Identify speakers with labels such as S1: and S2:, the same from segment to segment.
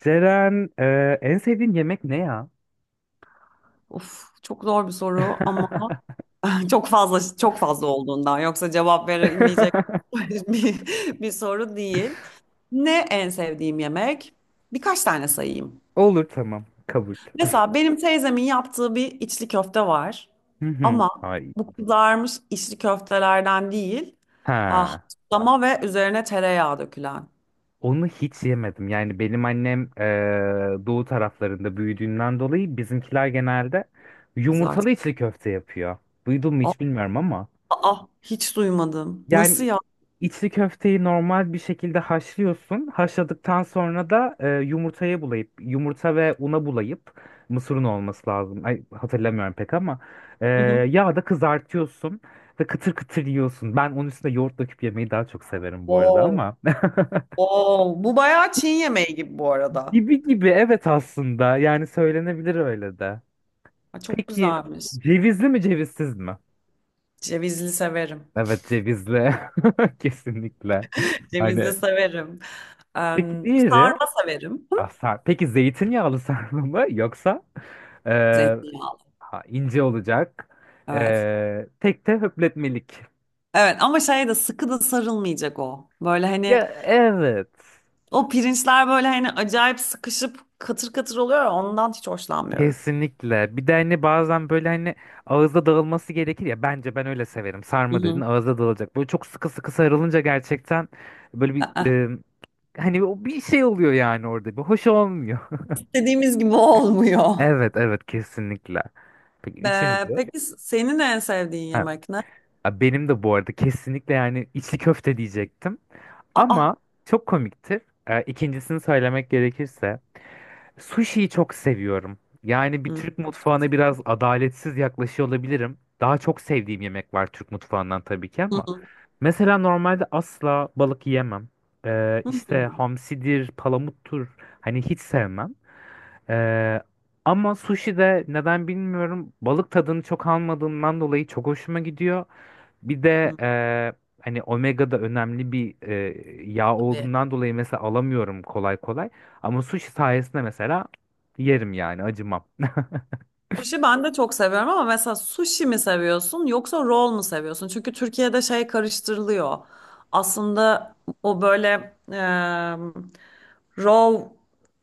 S1: Ceren, en sevdiğin yemek ne ya?
S2: Of, çok zor bir soru ama çok fazla çok fazla olduğundan yoksa cevap verilmeyecek bir, bir soru değil. Ne en sevdiğim yemek? Birkaç tane sayayım.
S1: Olur, tamam, kabul.
S2: Mesela benim teyzemin yaptığı bir içli köfte var.
S1: Hı hı,
S2: Ama
S1: ay.
S2: bu kızarmış içli köftelerden değil. Ah,
S1: Ha.
S2: haşlama ve üzerine tereyağı dökülen
S1: Onu hiç yemedim. Yani benim annem doğu taraflarında büyüdüğünden dolayı bizimkiler genelde
S2: kızart.
S1: yumurtalı içli köfte yapıyor. Duydun mu
S2: Aa,
S1: hiç bilmiyorum ama.
S2: aa, hiç duymadım. Nasıl
S1: Yani
S2: ya?
S1: içli köfteyi normal bir şekilde haşlıyorsun. Haşladıktan sonra da yumurtaya bulayıp, yumurta ve una bulayıp, mısırın olması lazım. Ay, hatırlamıyorum pek ama e,
S2: Hı hı.
S1: yağda kızartıyorsun ve kıtır kıtır yiyorsun. Ben onun üstüne yoğurt döküp yemeyi daha çok severim bu arada
S2: Wow.
S1: ama.
S2: Wow. Bu bayağı Çin yemeği gibi bu arada.
S1: Gibi gibi, evet, aslında yani söylenebilir öyle de.
S2: Aa, çok
S1: Peki,
S2: güzelmiş.
S1: cevizli mi cevizsiz mi?
S2: Cevizli severim.
S1: Evet, cevizli kesinlikle.
S2: Cevizli
S1: Hani
S2: severim.
S1: peki diğeri?
S2: Sarma severim.
S1: Ah, peki zeytinyağlı sarma mı yoksa eee,
S2: Zeytinyağlı.
S1: ha, ince olacak,
S2: Evet.
S1: tek de höpletmelik.
S2: Evet ama şey de sıkı da sarılmayacak o. Böyle hani
S1: Ya evet.
S2: o pirinçler böyle hani acayip sıkışıp katır katır oluyor ya, ondan hiç hoşlanmıyorum.
S1: Kesinlikle. Bir de hani bazen böyle hani ağızda dağılması gerekir ya. Bence ben öyle severim.
S2: Hı
S1: Sarma dedin,
S2: hı.
S1: ağızda dağılacak. Böyle çok sıkı sıkı sarılınca gerçekten böyle bir
S2: Aa.
S1: hani o bir şey oluyor yani orada. Bir hoş olmuyor.
S2: İstediğimiz gibi olmuyor.
S1: Evet evet, kesinlikle. Peki üçüncü.
S2: Peki senin en sevdiğin
S1: Ha,
S2: yemek ne?
S1: ya benim de bu arada kesinlikle yani içli köfte diyecektim.
S2: Aa.
S1: Ama çok komiktir. İkincisini söylemek gerekirse sushi'yi çok seviyorum. Yani bir
S2: Hı.
S1: Türk
S2: Çok.
S1: mutfağına biraz adaletsiz yaklaşıyor olabilirim. Daha çok sevdiğim yemek var Türk mutfağından tabii ki
S2: Hı
S1: ama
S2: hı.
S1: mesela normalde asla balık yiyemem.
S2: Hı
S1: İşte
S2: hı.
S1: hamsidir, palamuttur, hani hiç sevmem. Ee, Ama sushi de neden bilmiyorum balık tadını çok almadığımdan dolayı çok hoşuma gidiyor. Bir de
S2: Hı.
S1: hani omega da önemli bir yağ
S2: Tabii.
S1: olduğundan dolayı mesela alamıyorum kolay kolay. Ama sushi sayesinde mesela yerim yani acımam.
S2: Sushi ben de çok seviyorum ama mesela sushi mi seviyorsun yoksa roll mu seviyorsun? Çünkü Türkiye'de şey karıştırılıyor. Aslında o böyle e, raw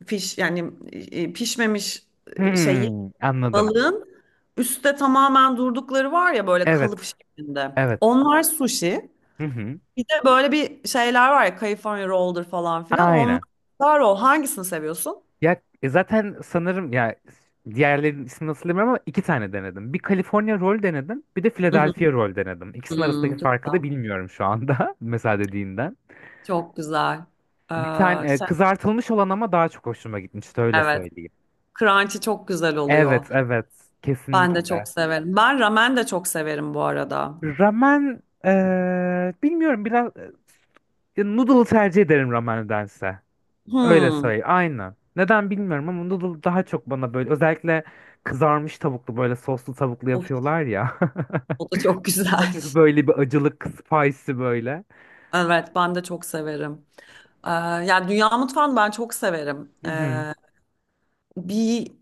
S2: fish, yani pişmemiş şey
S1: Hmm, anladım.
S2: balığın üstte tamamen durdukları var ya böyle kalıp
S1: Evet.
S2: şeklinde.
S1: Evet.
S2: Onlar sushi.
S1: Hı hı.
S2: Bir de böyle bir şeyler var ya, California roll'dur falan filan.
S1: Aynen.
S2: Onlar roll. Hangisini seviyorsun?
S1: Ya zaten sanırım ya diğerlerinin ismini nasıl bilmiyorum ama iki tane denedim. Bir California roll denedim, bir de Philadelphia roll denedim. İkisinin arasındaki
S2: Hmm, çok
S1: farkı da
S2: güzel.
S1: bilmiyorum şu anda mesela dediğinden.
S2: Çok güzel.
S1: Bir tane kızartılmış olan ama daha çok hoşuma gitmişti, öyle
S2: Evet.
S1: söyleyeyim.
S2: Crunchy çok güzel
S1: Evet,
S2: oluyor.
S1: evet.
S2: Ben de
S1: Kesinlikle.
S2: çok severim. Ben ramen de çok severim bu arada.
S1: Ramen, bilmiyorum, biraz noodle tercih ederim ramendense. Öyle
S2: Hmm.
S1: söyleyeyim. Aynı. Neden bilmiyorum ama noodle daha çok bana böyle özellikle kızarmış tavuklu, böyle soslu tavuklu
S2: Of,
S1: yapıyorlar ya.
S2: o da çok güzel.
S1: Hafif böyle bir acılık, spicy böyle.
S2: Evet, ben de çok severim. Yani dünya mutfağını ben çok severim.
S1: Hı hı.
S2: Bir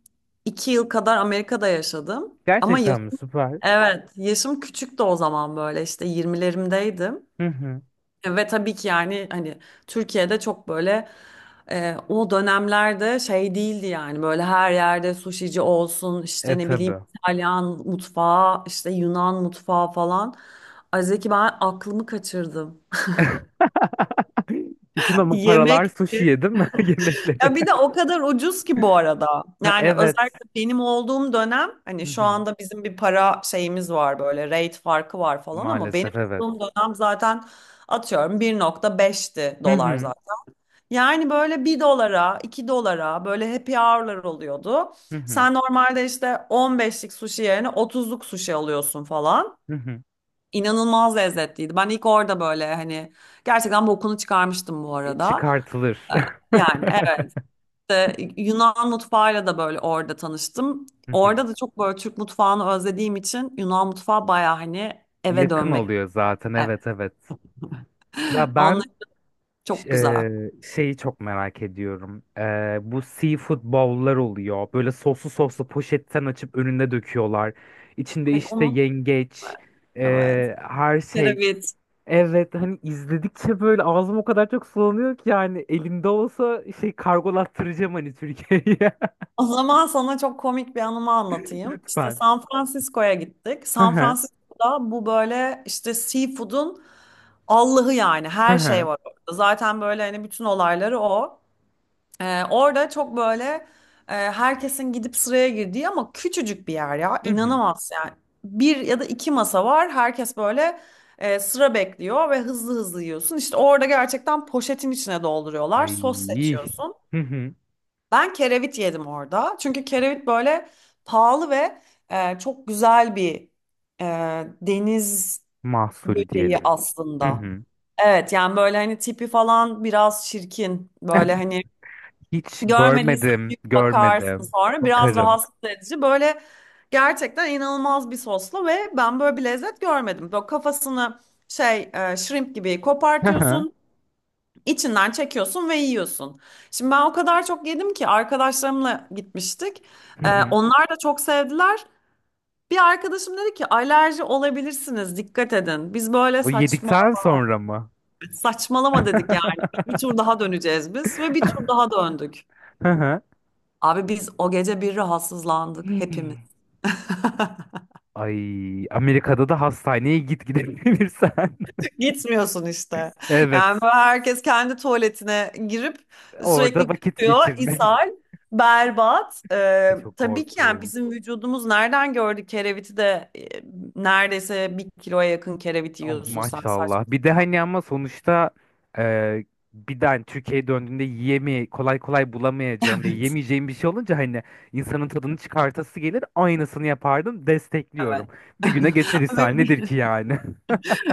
S2: iki yıl kadar Amerika'da yaşadım. Ama
S1: Gerçekten mi? Süper.
S2: evet, yaşım küçüktü o zaman, böyle işte 20'lerimdeydim.
S1: Hı hı.
S2: Ve tabii ki yani hani Türkiye'de çok böyle. O dönemlerde şey değildi yani, böyle her yerde suşici olsun, işte
S1: E,
S2: ne bileyim
S1: tabii.
S2: İtalyan mutfağı, işte Yunan mutfağı falan. Ay, Zeki, ben aklımı kaçırdım.
S1: Bütün ama paralar
S2: Yemek.
S1: sushi yedim mi yemekleri?
S2: Ya bir de o kadar ucuz ki bu arada.
S1: Ha,
S2: Yani
S1: evet.
S2: özellikle benim olduğum dönem, hani
S1: Hı
S2: şu
S1: hı.
S2: anda bizim bir para şeyimiz var, böyle rate farkı var falan, ama benim
S1: Maalesef evet.
S2: olduğum dönem zaten atıyorum 1,5'ti
S1: Hı
S2: dolar
S1: hı.
S2: zaten. Yani böyle bir dolara, 2 dolara böyle happy hour'lar oluyordu.
S1: Hı hı.
S2: Sen normalde işte 15'lik sushi yerine 30'luk sushi alıyorsun falan.
S1: Hı hı.
S2: İnanılmaz lezzetliydi. Ben ilk orada böyle hani gerçekten bokunu çıkarmıştım bu arada.
S1: Çıkartılır.
S2: Ee, Yani evet, Yunan mutfağıyla da böyle orada tanıştım.
S1: Hı hı.
S2: Orada da çok böyle Türk mutfağını özlediğim için Yunan mutfağı baya hani eve
S1: Yakın
S2: dönmek.
S1: oluyor zaten,
S2: Evet.
S1: evet evet. Ya
S2: Onlar
S1: ben
S2: çok güzel.
S1: şeyi çok merak ediyorum. Bu seafood bowl'lar oluyor. Böyle soslu soslu poşetten açıp önüne döküyorlar. İçinde
S2: Ay
S1: işte
S2: onun evet.
S1: yengeç,
S2: Evet.
S1: her şey.
S2: Kereviz.
S1: Evet, hani izledikçe böyle ağzım o kadar çok sulanıyor ki yani elimde olsa şey kargolattıracağım hani Türkiye'ye.
S2: O zaman sana çok komik bir anımı anlatayım. İşte
S1: Lütfen.
S2: San Francisco'ya gittik.
S1: Hı
S2: San
S1: hı.
S2: Francisco'da bu böyle işte seafood'un Allah'ı, yani
S1: Hı
S2: her şey
S1: hı.
S2: var orada. Zaten böyle hani bütün olayları o. Orada çok böyle herkesin gidip sıraya girdiği ama küçücük bir yer ya.
S1: Hı hı.
S2: İnanamaz yani. Bir ya da iki masa var. Herkes böyle sıra bekliyor ve hızlı hızlı yiyorsun. İşte orada gerçekten poşetin içine dolduruyorlar. Sos
S1: Ay.
S2: seçiyorsun.
S1: Hı hı.
S2: Ben kerevit yedim orada. Çünkü kerevit böyle pahalı ve çok güzel bir e, deniz
S1: Mahsul
S2: böceği
S1: diyelim. Hı
S2: aslında.
S1: hı.
S2: Evet, yani böyle hani tipi falan biraz çirkin. Böyle hani
S1: Hiç
S2: görmediysen
S1: görmedim,
S2: bir bakarsın,
S1: görmedim.
S2: sonra biraz
S1: Bakarım.
S2: rahatsız edici. Böyle gerçekten inanılmaz bir soslu, ve ben böyle bir lezzet görmedim. Böyle kafasını şey, shrimp gibi
S1: Hı hı.
S2: kopartıyorsun. İçinden çekiyorsun ve yiyorsun. Şimdi ben o kadar çok yedim ki, arkadaşlarımla gitmiştik.
S1: Hı
S2: Ee,
S1: hı.
S2: onlar da çok sevdiler. Bir arkadaşım dedi ki, alerji olabilirsiniz, dikkat edin. Biz böyle
S1: Bu
S2: saçma
S1: yedikten sonra mı?
S2: saçmalama dedik yani. Bir, bir tur daha döneceğiz biz, ve bir tur daha döndük.
S1: Hı hı.
S2: Abi biz o gece bir rahatsızlandık hepimiz.
S1: Hmm. Ay, Amerika'da da hastaneye gidebilirsen.
S2: Gitmiyorsun işte.
S1: Evet,
S2: Yani böyle herkes kendi tuvaletine girip sürekli
S1: orada vakit
S2: kusuyor,
S1: geçirmek.
S2: ishal, berbat. Ee,
S1: Çok
S2: tabii ki yani
S1: korkunç.
S2: bizim vücudumuz nereden gördü kereviti de, neredeyse bir kiloya yakın kerevit
S1: Ama
S2: yiyorsun sen, saçma.
S1: maşallah. Bir de hani ama sonuçta e, bir de hani Türkiye'ye döndüğünde yiyemi kolay kolay bulamayacağın ve yemeyeceğin bir şey olunca hani insanın tadını çıkartası gelir. Aynısını yapardım.
S2: Evet.
S1: Destekliyorum. Bir
S2: Evet.
S1: güne geçer, ishal
S2: Ve
S1: nedir ki yani?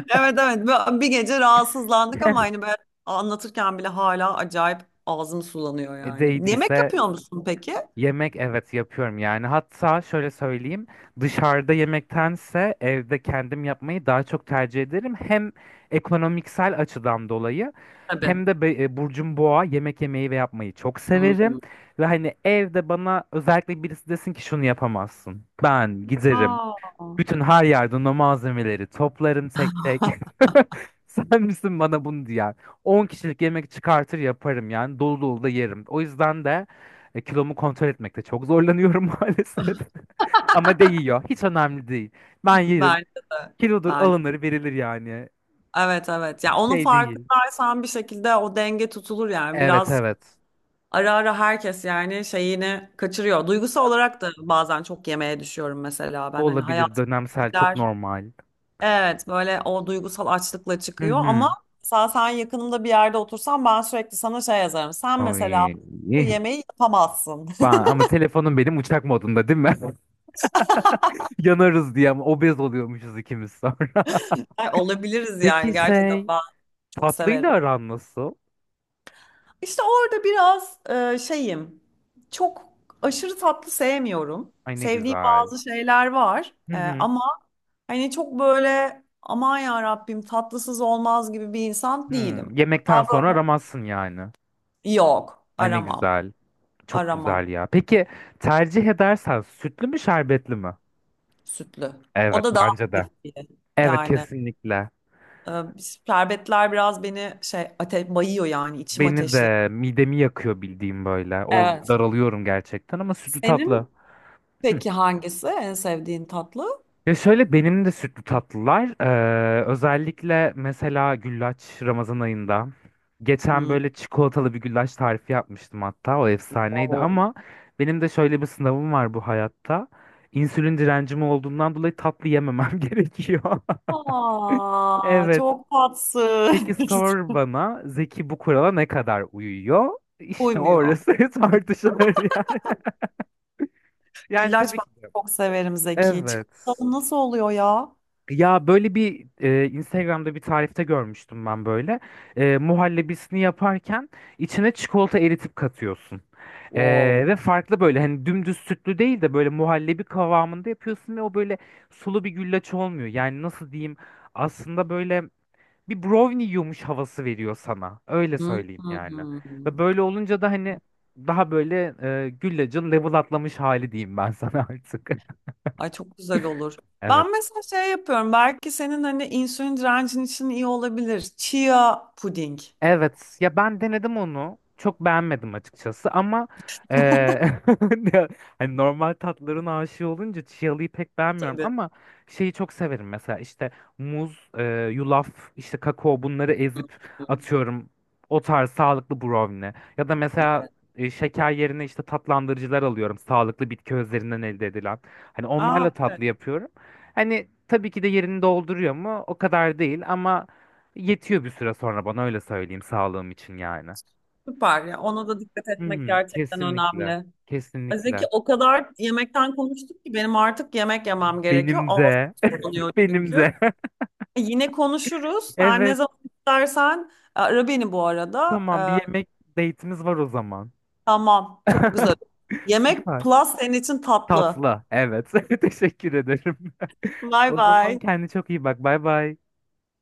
S2: evet, evet. Böyle bir gece rahatsızlandık, ama hani ben anlatırken bile hala acayip ağzım sulanıyor
S1: E,
S2: yani. Yemek
S1: değdiyse
S2: yapıyor musun peki?
S1: Yemek, evet, yapıyorum yani. Hatta şöyle söyleyeyim, dışarıda yemektense evde kendim yapmayı daha çok tercih ederim, hem ekonomiksel açıdan dolayı
S2: Tabii.
S1: hem de burcum boğa, yemek yemeyi ve yapmayı çok
S2: Hı
S1: severim
S2: hı.
S1: ve hani evde bana özellikle birisi desin ki şunu yapamazsın, ben giderim
S2: Aa.
S1: bütün her yerden o malzemeleri toplarım tek tek. Sen misin bana bunu diyen? 10 kişilik yemek çıkartır yaparım yani, dolu dolu da yerim. O yüzden de kilomu kontrol etmekte çok zorlanıyorum maalesef. Ama değiyor. Hiç önemli değil. Ben yerim.
S2: Bence de.
S1: Kilodur,
S2: Bence.
S1: alınır verilir yani.
S2: Evet, evet. Ya
S1: Hiç
S2: onun
S1: şey değil.
S2: farkındaysan bir şekilde o denge tutulur yani.
S1: Evet
S2: Biraz
S1: evet.
S2: ara ara herkes yani şeyini kaçırıyor. Duygusal olarak da bazen çok yemeğe düşüyorum mesela ben. Hani
S1: Olabilir,
S2: hayat
S1: dönemsel, çok
S2: gider.
S1: normal.
S2: Evet, böyle o duygusal açlıkla
S1: Hı
S2: çıkıyor, ama
S1: hı.
S2: mesela sen yakınımda bir yerde otursan ben sürekli sana şey yazarım. Sen mesela
S1: Ay.
S2: bu yemeği yapamazsın.
S1: Ama telefonum benim uçak modunda değil mi? Yanarız diye, ama obez oluyormuşuz ikimiz sonra.
S2: Ay, olabiliriz yani,
S1: Peki
S2: gerçekten
S1: şey,
S2: ben çok
S1: tatlıyla
S2: severim.
S1: aran nasıl?
S2: İşte orada biraz şeyim. Çok aşırı tatlı sevmiyorum.
S1: Ay ne
S2: Sevdiğim
S1: güzel.
S2: bazı şeyler var.
S1: Hı
S2: E,
S1: hı.
S2: ama hani çok böyle aman ya Rabbim tatlısız olmaz gibi bir insan
S1: Hı.
S2: değilim.
S1: Yemekten
S2: Daha
S1: sonra
S2: böyle
S1: aramazsın yani.
S2: yok,
S1: Ay ne
S2: aramam.
S1: güzel. Çok
S2: Aramam,
S1: güzel ya. Peki tercih edersen, sütlü mü şerbetli mi?
S2: sütlü. O
S1: Evet,
S2: da daha
S1: bence de.
S2: hafif diye.
S1: Evet,
S2: Yani
S1: kesinlikle.
S2: e, şerbetler biraz beni şey ate bayıyor, yani içim
S1: Beni
S2: ateşli.
S1: de midemi yakıyor bildiğim böyle. O
S2: Evet.
S1: daralıyorum gerçekten, ama sütlü tatlı.
S2: Senin peki hangisi en sevdiğin tatlı?
S1: Ya şöyle, benim de sütlü tatlılar, özellikle mesela güllaç, Ramazan ayında geçen
S2: Hmm.
S1: böyle çikolatalı bir güllaç tarifi yapmıştım, hatta o efsaneydi, ama benim de şöyle bir sınavım var bu hayatta. İnsülin direncim olduğundan dolayı tatlı yememem gerekiyor.
S2: Aa,
S1: Evet.
S2: çok tatsız.
S1: Peki sor bana Zeki, bu kurala ne kadar uyuyor? İşte
S2: Uymuyor.
S1: orası tartışılır yani. Yani
S2: Güllaç
S1: tabii
S2: ben
S1: ki de.
S2: çok severim Zeki.
S1: Evet.
S2: Çikolatalı nasıl oluyor ya?
S1: Ya böyle bir Instagram'da bir tarifte görmüştüm ben böyle. Muhallebisini yaparken içine çikolata eritip katıyorsun. E,
S2: Wow.
S1: Ve farklı, böyle hani dümdüz sütlü değil de böyle muhallebi kıvamında yapıyorsun ve o böyle sulu bir güllaç olmuyor. Yani nasıl diyeyim, aslında böyle bir brownie yiyormuş havası veriyor sana. Öyle
S2: Hı
S1: söyleyeyim
S2: hı
S1: yani.
S2: hı.
S1: Ve böyle olunca da hani daha böyle güllacın level atlamış hali diyeyim ben sana artık.
S2: Ay, çok güzel olur.
S1: Evet.
S2: Ben mesela şey yapıyorum. Belki senin hani insülin direncin için iyi olabilir. Chia puding.
S1: Evet ya, ben denedim onu, çok beğenmedim açıkçası ama eee, ya hani normal tatların aşığı olunca chialı'yı pek beğenmiyorum,
S2: Tabii.
S1: ama şeyi çok severim mesela, işte muz, yulaf, işte kakao, bunları
S2: Hı
S1: ezip
S2: hı.
S1: atıyorum, o tarz sağlıklı brownie ya da mesela
S2: Evet.
S1: şeker yerine işte tatlandırıcılar alıyorum, sağlıklı bitki özlerinden elde edilen, hani
S2: Aa,
S1: onlarla
S2: evet.
S1: tatlı yapıyorum, hani tabii ki de yerini dolduruyor mu, o kadar değil ama yetiyor bir süre sonra bana, öyle söyleyeyim, sağlığım için yani.
S2: Süper ya. Ona da dikkat
S1: Hı
S2: etmek
S1: hı,
S2: gerçekten
S1: kesinlikle.
S2: önemli. Ay, Zeki,
S1: Kesinlikle.
S2: o kadar yemekten konuştuk ki benim artık yemek yemem gerekiyor.
S1: Benim
S2: Ağzım
S1: de.
S2: sulanıyor
S1: Benim
S2: çünkü.
S1: de.
S2: Yine konuşuruz. Her ne
S1: Evet.
S2: zaman istersen Ara beni bu arada.
S1: Tamam, bir
S2: Ee,
S1: yemek date'imiz var o zaman.
S2: tamam, çok güzel. Yemek
S1: Süper.
S2: plus senin için tatlı.
S1: Tatlı. Evet. Teşekkür ederim.
S2: Bye
S1: O zaman
S2: bye.
S1: kendine çok iyi bak. Bay bay.